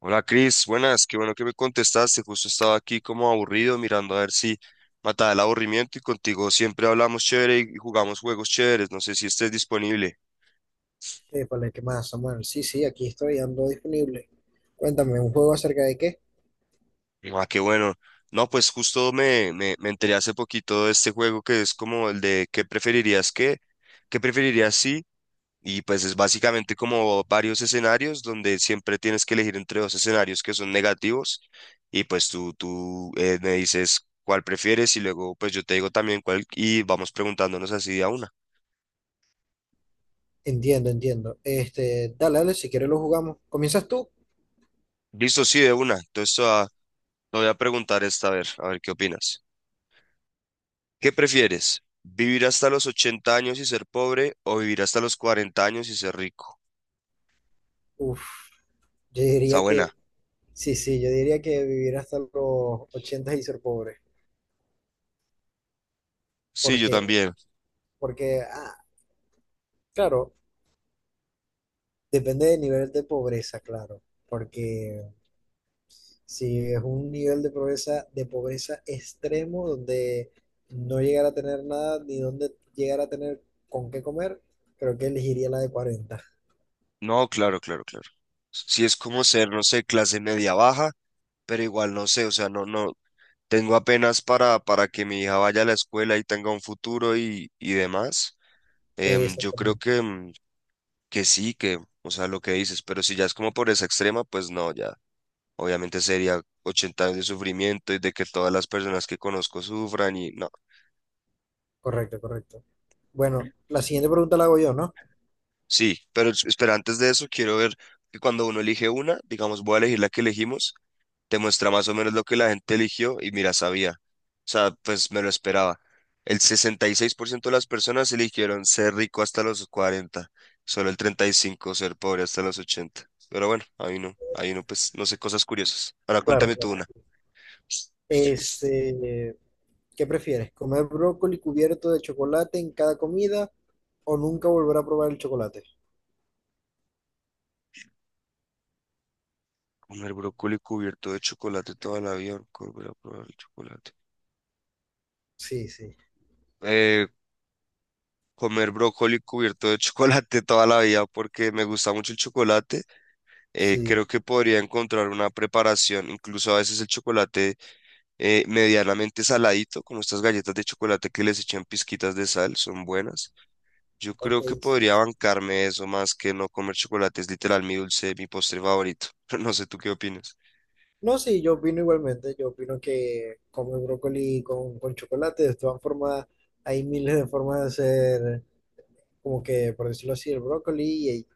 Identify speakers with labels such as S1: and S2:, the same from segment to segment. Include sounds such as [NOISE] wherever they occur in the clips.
S1: Hola Cris, buenas, qué bueno que me contestaste. Justo estaba aquí como aburrido mirando a ver si mataba el aburrimiento y contigo siempre hablamos chévere y jugamos juegos chéveres. No sé si estés disponible.
S2: Épale, ¿qué más, Samuel? Sí, sí, aquí estoy, ando disponible. Cuéntame, ¿un juego acerca de qué?
S1: Ah, qué bueno. No, pues justo me enteré hace poquito de este juego que es como el de ¿qué preferirías qué? ¿Qué preferirías si? Y pues es básicamente como varios escenarios donde siempre tienes que elegir entre dos escenarios que son negativos y pues tú me dices cuál prefieres y luego pues yo te digo también cuál y vamos preguntándonos así de a una.
S2: Entiendo, entiendo. Dale, dale, si quieres lo jugamos. ¿Comienzas tú?
S1: Listo, sí, de una. Entonces te voy a preguntar esta, a ver qué opinas. ¿Qué prefieres? ¿Vivir hasta los 80 años y ser pobre o vivir hasta los 40 años y ser rico?
S2: Uf, yo
S1: Está
S2: diría
S1: buena.
S2: sí, sí, yo diría que vivir hasta los 80 y ser pobre.
S1: Sí, yo
S2: Porque,
S1: también.
S2: porque, ah, claro, depende del nivel de pobreza, claro. Porque Sí, es un nivel de pobreza extremo donde no llegar a tener nada ni donde llegar a tener con qué comer, creo que elegiría la de 40.
S1: No, claro, claro, claro. Si es como ser, no sé, clase media baja, pero igual no sé, o sea, no, no, tengo apenas para que mi hija vaya a la escuela y tenga un futuro y demás. Yo creo
S2: Exactamente.
S1: que, que sí, que, o sea, lo que dices, pero si ya es como por esa extrema, pues no, ya, obviamente sería 80 años de sufrimiento y de que todas las personas que conozco sufran y no.
S2: Correcto, correcto. Bueno, la siguiente pregunta la hago yo, ¿no?
S1: Sí, pero espera, antes de eso quiero ver que cuando uno elige una, digamos, voy a elegir la que elegimos, te muestra más o menos lo que la gente eligió y mira, sabía. O sea, pues me lo esperaba. El 66% de las personas eligieron ser rico hasta los 40, solo el 35% ser pobre hasta los 80. Pero bueno, ahí no, pues no sé, cosas curiosas. Ahora
S2: Claro,
S1: cuéntame tú
S2: claro.
S1: una.
S2: Este, ¿Qué prefieres? ¿Comer brócoli cubierto de chocolate en cada comida o nunca volver a probar el chocolate?
S1: Comer brócoli cubierto de chocolate toda la vida, nunca volver a probar el chocolate.
S2: Sí, sí,
S1: Eh, comer brócoli cubierto de [LAUGHS] chocolate toda la vida porque me gusta mucho el chocolate,
S2: sí,
S1: creo que podría encontrar una preparación, incluso a veces el chocolate medianamente saladito, como estas galletas de chocolate que les echan pizquitas de sal, son buenas. Yo
S2: ok,
S1: creo que
S2: sí,
S1: podría
S2: sí.
S1: bancarme eso más que no comer chocolate, es literal mi dulce, mi postre favorito. [LAUGHS] No sé tú qué opinas.
S2: No, sí, yo opino igualmente, yo opino que comer brócoli con chocolate, de todas formas, hay miles de formas de hacer, como que, por decirlo así, el brócoli y hay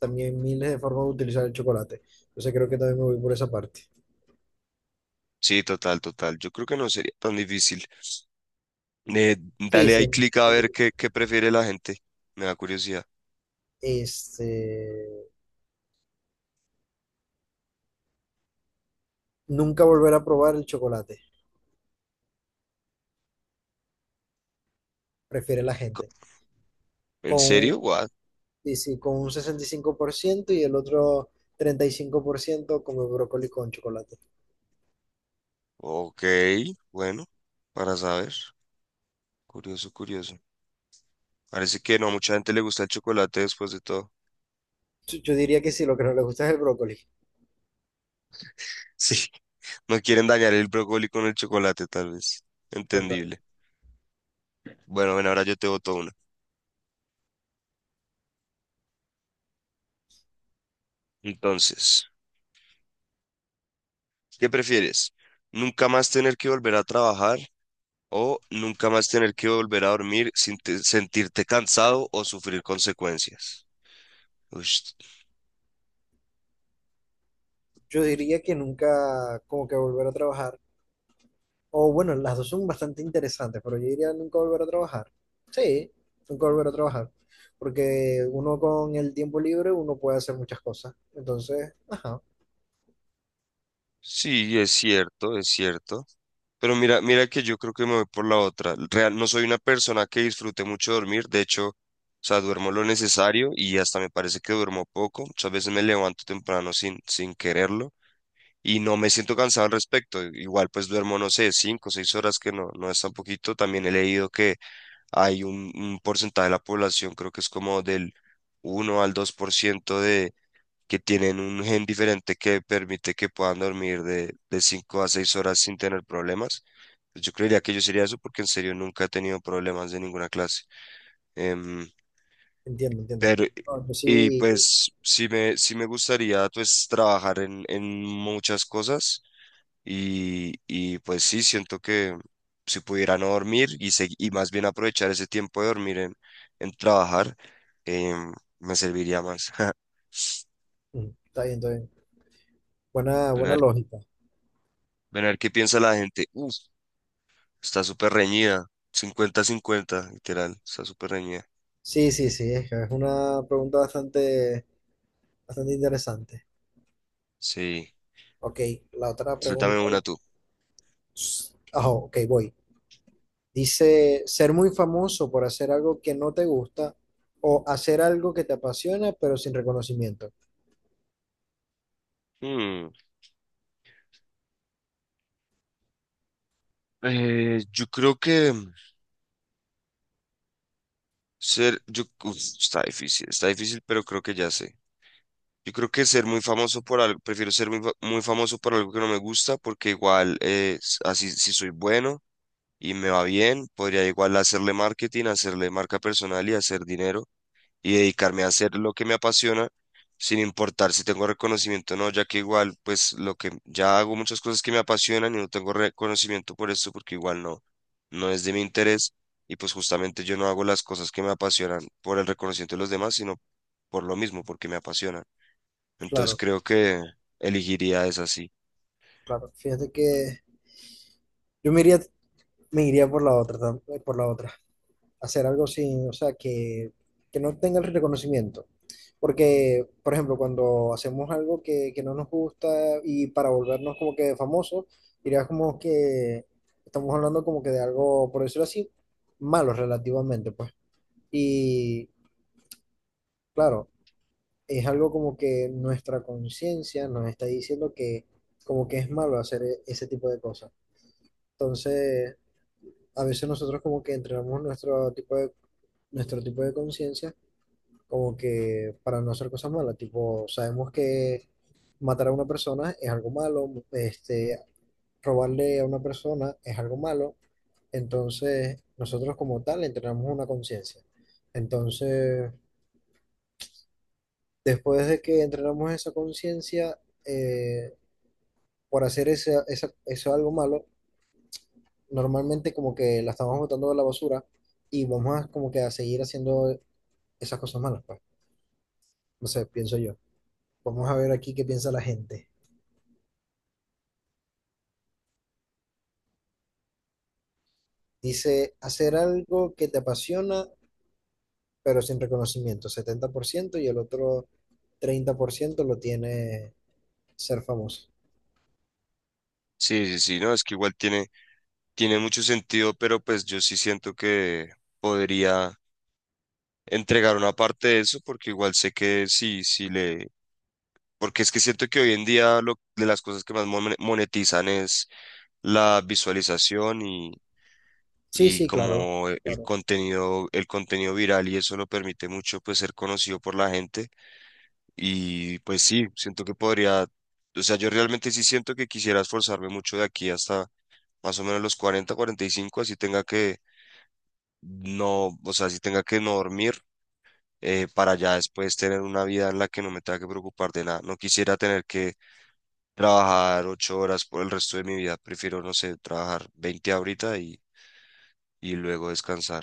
S2: también miles de formas de utilizar el chocolate. Entonces creo que también me voy por esa parte.
S1: Sí, total, total. Yo creo que no sería tan difícil.
S2: Sí,
S1: Dale
S2: sí,
S1: ahí clic
S2: yo
S1: a ver
S2: también.
S1: qué prefiere la gente. Me da curiosidad.
S2: Este, nunca volver a probar el chocolate, prefiere la
S1: Co-
S2: gente.
S1: ¿En serio?
S2: Con
S1: What?
S2: Sí, sí, con un 65% y el otro 35% come brócoli con chocolate.
S1: Ok, bueno, para saber. Curioso, curioso. Parece que no a mucha gente le gusta el chocolate después de todo.
S2: Yo diría que sí, lo que no le gusta es el brócoli.
S1: [LAUGHS] Sí. No quieren dañar el brócoli con el chocolate, tal vez.
S2: Total.
S1: Entendible. Bueno, bueno, ahora yo te boto una. Entonces, ¿qué prefieres? ¿Nunca más tener que volver a trabajar o nunca más tener que volver a dormir sin sentirte cansado o sufrir consecuencias? Ush.
S2: Yo diría que nunca como que volver a trabajar. O bueno, las dos son bastante interesantes, pero yo diría nunca volver a trabajar. Sí, nunca volver a trabajar. Porque uno con el tiempo libre, uno puede hacer muchas cosas. Entonces, ajá,
S1: Sí, es cierto, es cierto. Pero mira, mira que yo creo que me voy por la otra. Real, no soy una persona que disfrute mucho dormir. De hecho, o sea, duermo lo necesario y hasta me parece que duermo poco. Muchas veces me levanto temprano sin quererlo y no me siento cansado al respecto. Igual pues duermo, no sé, 5 o 6 horas que no es tan poquito. También he leído que hay un porcentaje de la población, creo que es como del 1 al 2%, de que tienen un gen diferente que permite que puedan dormir de 5 a 6 horas sin tener problemas pues. Yo creería que yo sería eso porque en serio nunca he tenido problemas de ninguna clase. Em,
S2: entiendo, entiendo.
S1: pero,
S2: No, yo
S1: y
S2: sí,
S1: pues sí me gustaría pues trabajar en muchas cosas, y pues sí, siento que si pudiera no dormir y, y más bien aprovechar ese tiempo de dormir en trabajar, em, me serviría más. [LAUGHS]
S2: mm, está bien, está bien. Buena,
S1: Ven a
S2: buena
S1: ver,
S2: lógica.
S1: ven a ver qué piensa la gente. Uf, está súper reñida. Cincuenta cincuenta literal, está súper reñida.
S2: Sí, sí, sí, es que es una pregunta bastante bastante interesante.
S1: Sí,
S2: Ok, la otra
S1: suéltame
S2: pregunta.
S1: una tú.
S2: Ok, voy. Dice, ser muy famoso por hacer algo que no te gusta o hacer algo que te apasiona pero sin reconocimiento.
S1: Hmm. Yo creo que ser, yo, uf, está difícil, pero creo que ya sé. Yo creo que ser muy famoso por algo, prefiero ser muy famoso por algo que no me gusta, porque igual, así, si soy bueno y me va bien, podría igual hacerle marketing, hacerle marca personal y hacer dinero, y dedicarme a hacer lo que me apasiona, sin importar si tengo reconocimiento o no, ya que igual, pues lo que ya hago muchas cosas que me apasionan y no tengo reconocimiento por eso porque igual no, no es de mi interés. Y pues justamente yo no hago las cosas que me apasionan por el reconocimiento de los demás, sino por lo mismo, porque me apasionan. Entonces
S2: Claro.
S1: creo que elegiría esa, sí.
S2: Claro, fíjate que yo me iría por la otra, por la otra. Hacer algo sin, o sea, que no tenga el reconocimiento. Porque, por ejemplo, cuando hacemos algo que no nos gusta y para volvernos como que famosos, dirías como que estamos hablando como que de algo, por decirlo así, malo relativamente, pues. Y claro, es algo como que nuestra conciencia nos está diciendo que como que es malo hacer ese tipo de cosas. Entonces, a veces nosotros como que entrenamos nuestro tipo de conciencia como que para no hacer cosas malas, tipo, sabemos que matar a una persona es algo malo, este, robarle a una persona es algo malo, entonces nosotros como tal entrenamos una conciencia. Entonces, después de que entrenamos esa conciencia, eh, por hacer eso algo malo, normalmente como que la estamos botando a la basura y vamos a como que a seguir haciendo esas cosas malas, pues. No sé, pienso yo. Vamos a ver aquí qué piensa la gente. Dice, hacer algo que te apasiona, pero sin reconocimiento, 70% y el otro 30% lo tiene ser famoso.
S1: Sí, sí, sí, no, es que igual tiene, tiene mucho sentido, pero pues yo sí siento que podría entregar una parte de eso, porque igual sé que sí, si le. Porque es que siento que hoy en día lo, de las cosas que más monetizan es la visualización y,
S2: Sí,
S1: y
S2: sí, claro,
S1: como el
S2: claro,
S1: contenido, el contenido viral, y eso lo permite mucho pues ser conocido por la gente. Y pues sí, siento que podría, o sea, yo realmente sí siento que quisiera esforzarme mucho de aquí hasta más o menos los 40, 45, así tenga que no, o sea, así tenga que no dormir, para ya después tener una vida en la que no me tenga que preocupar de nada. No quisiera tener que trabajar 8 horas por el resto de mi vida. Prefiero, no sé, trabajar 20 ahorita y luego descansar.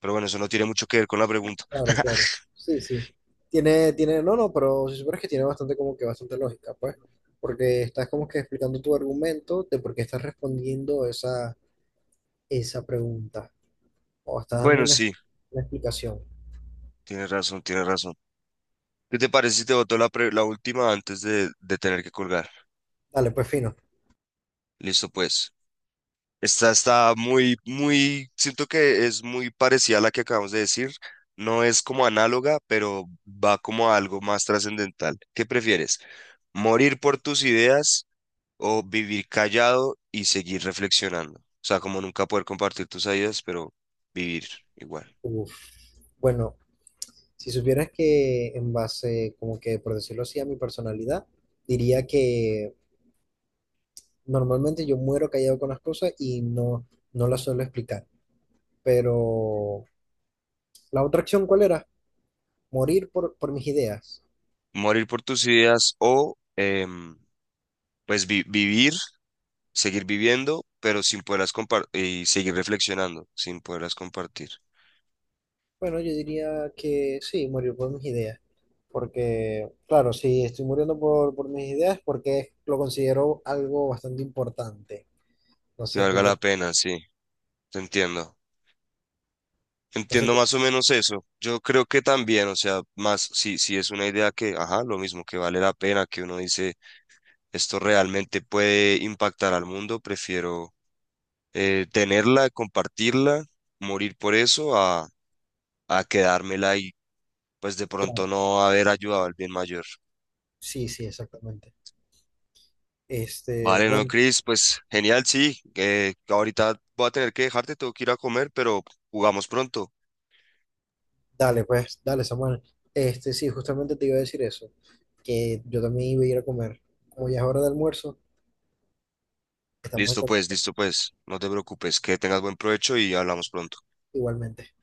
S1: Pero bueno, eso no tiene mucho que ver con la pregunta.
S2: claro, claro. Sí, sí. Tiene, tiene, no, no, pero si supieras que tiene bastante como que bastante lógica, pues, porque estás como que explicando tu argumento de por qué estás respondiendo esa esa pregunta. O está dando
S1: Bueno, sí,
S2: una explicación.
S1: tienes razón, tienes razón. ¿Qué te parece si te boto la, la última antes de tener que colgar?
S2: Dale, pues fino.
S1: Listo, pues. Esta está muy, muy, siento que es muy parecida a la que acabamos de decir. No es como análoga, pero va como a algo más trascendental. ¿Qué prefieres? ¿Morir por tus ideas o vivir callado y seguir reflexionando? O sea, como nunca poder compartir tus ideas, pero vivir igual.
S2: Uf. Bueno, si supieras que en base, como que por decirlo así, a mi personalidad, diría que normalmente yo muero callado con las cosas no las suelo explicar. Pero la otra acción, ¿cuál era? Morir por mis ideas.
S1: Morir por tus ideas o pues vivir, seguir viviendo, pero sin poderlas compartir y seguir reflexionando, sin poderlas compartir.
S2: Bueno, yo diría que sí, morir por mis ideas. Porque, claro, si estoy muriendo por mis ideas, porque lo considero algo bastante importante. No
S1: Que
S2: sé tú
S1: valga la
S2: qué,
S1: pena, sí, te entiendo.
S2: no sé
S1: Entiendo
S2: qué,
S1: más o menos eso. Yo creo que también, o sea, más si, es una idea que, ajá, lo mismo, que vale la pena, que uno dice, esto realmente puede impactar al mundo, prefiero tenerla, compartirla, morir por eso, a quedármela y pues de pronto
S2: claro,
S1: no haber ayudado al bien mayor.
S2: sí, sí, exactamente. Este,
S1: Vale, no,
S2: bueno,
S1: Chris, pues genial, sí. Que ahorita voy a tener que dejarte, tengo que ir a comer, pero jugamos pronto.
S2: dale, pues, dale, Samuel. Sí, justamente te iba a decir eso, que yo también iba a ir a comer. Como ya es hora de almuerzo, estamos en
S1: Listo, pues,
S2: contacto
S1: listo, pues. No te preocupes, que tengas buen provecho y hablamos pronto.
S2: igualmente.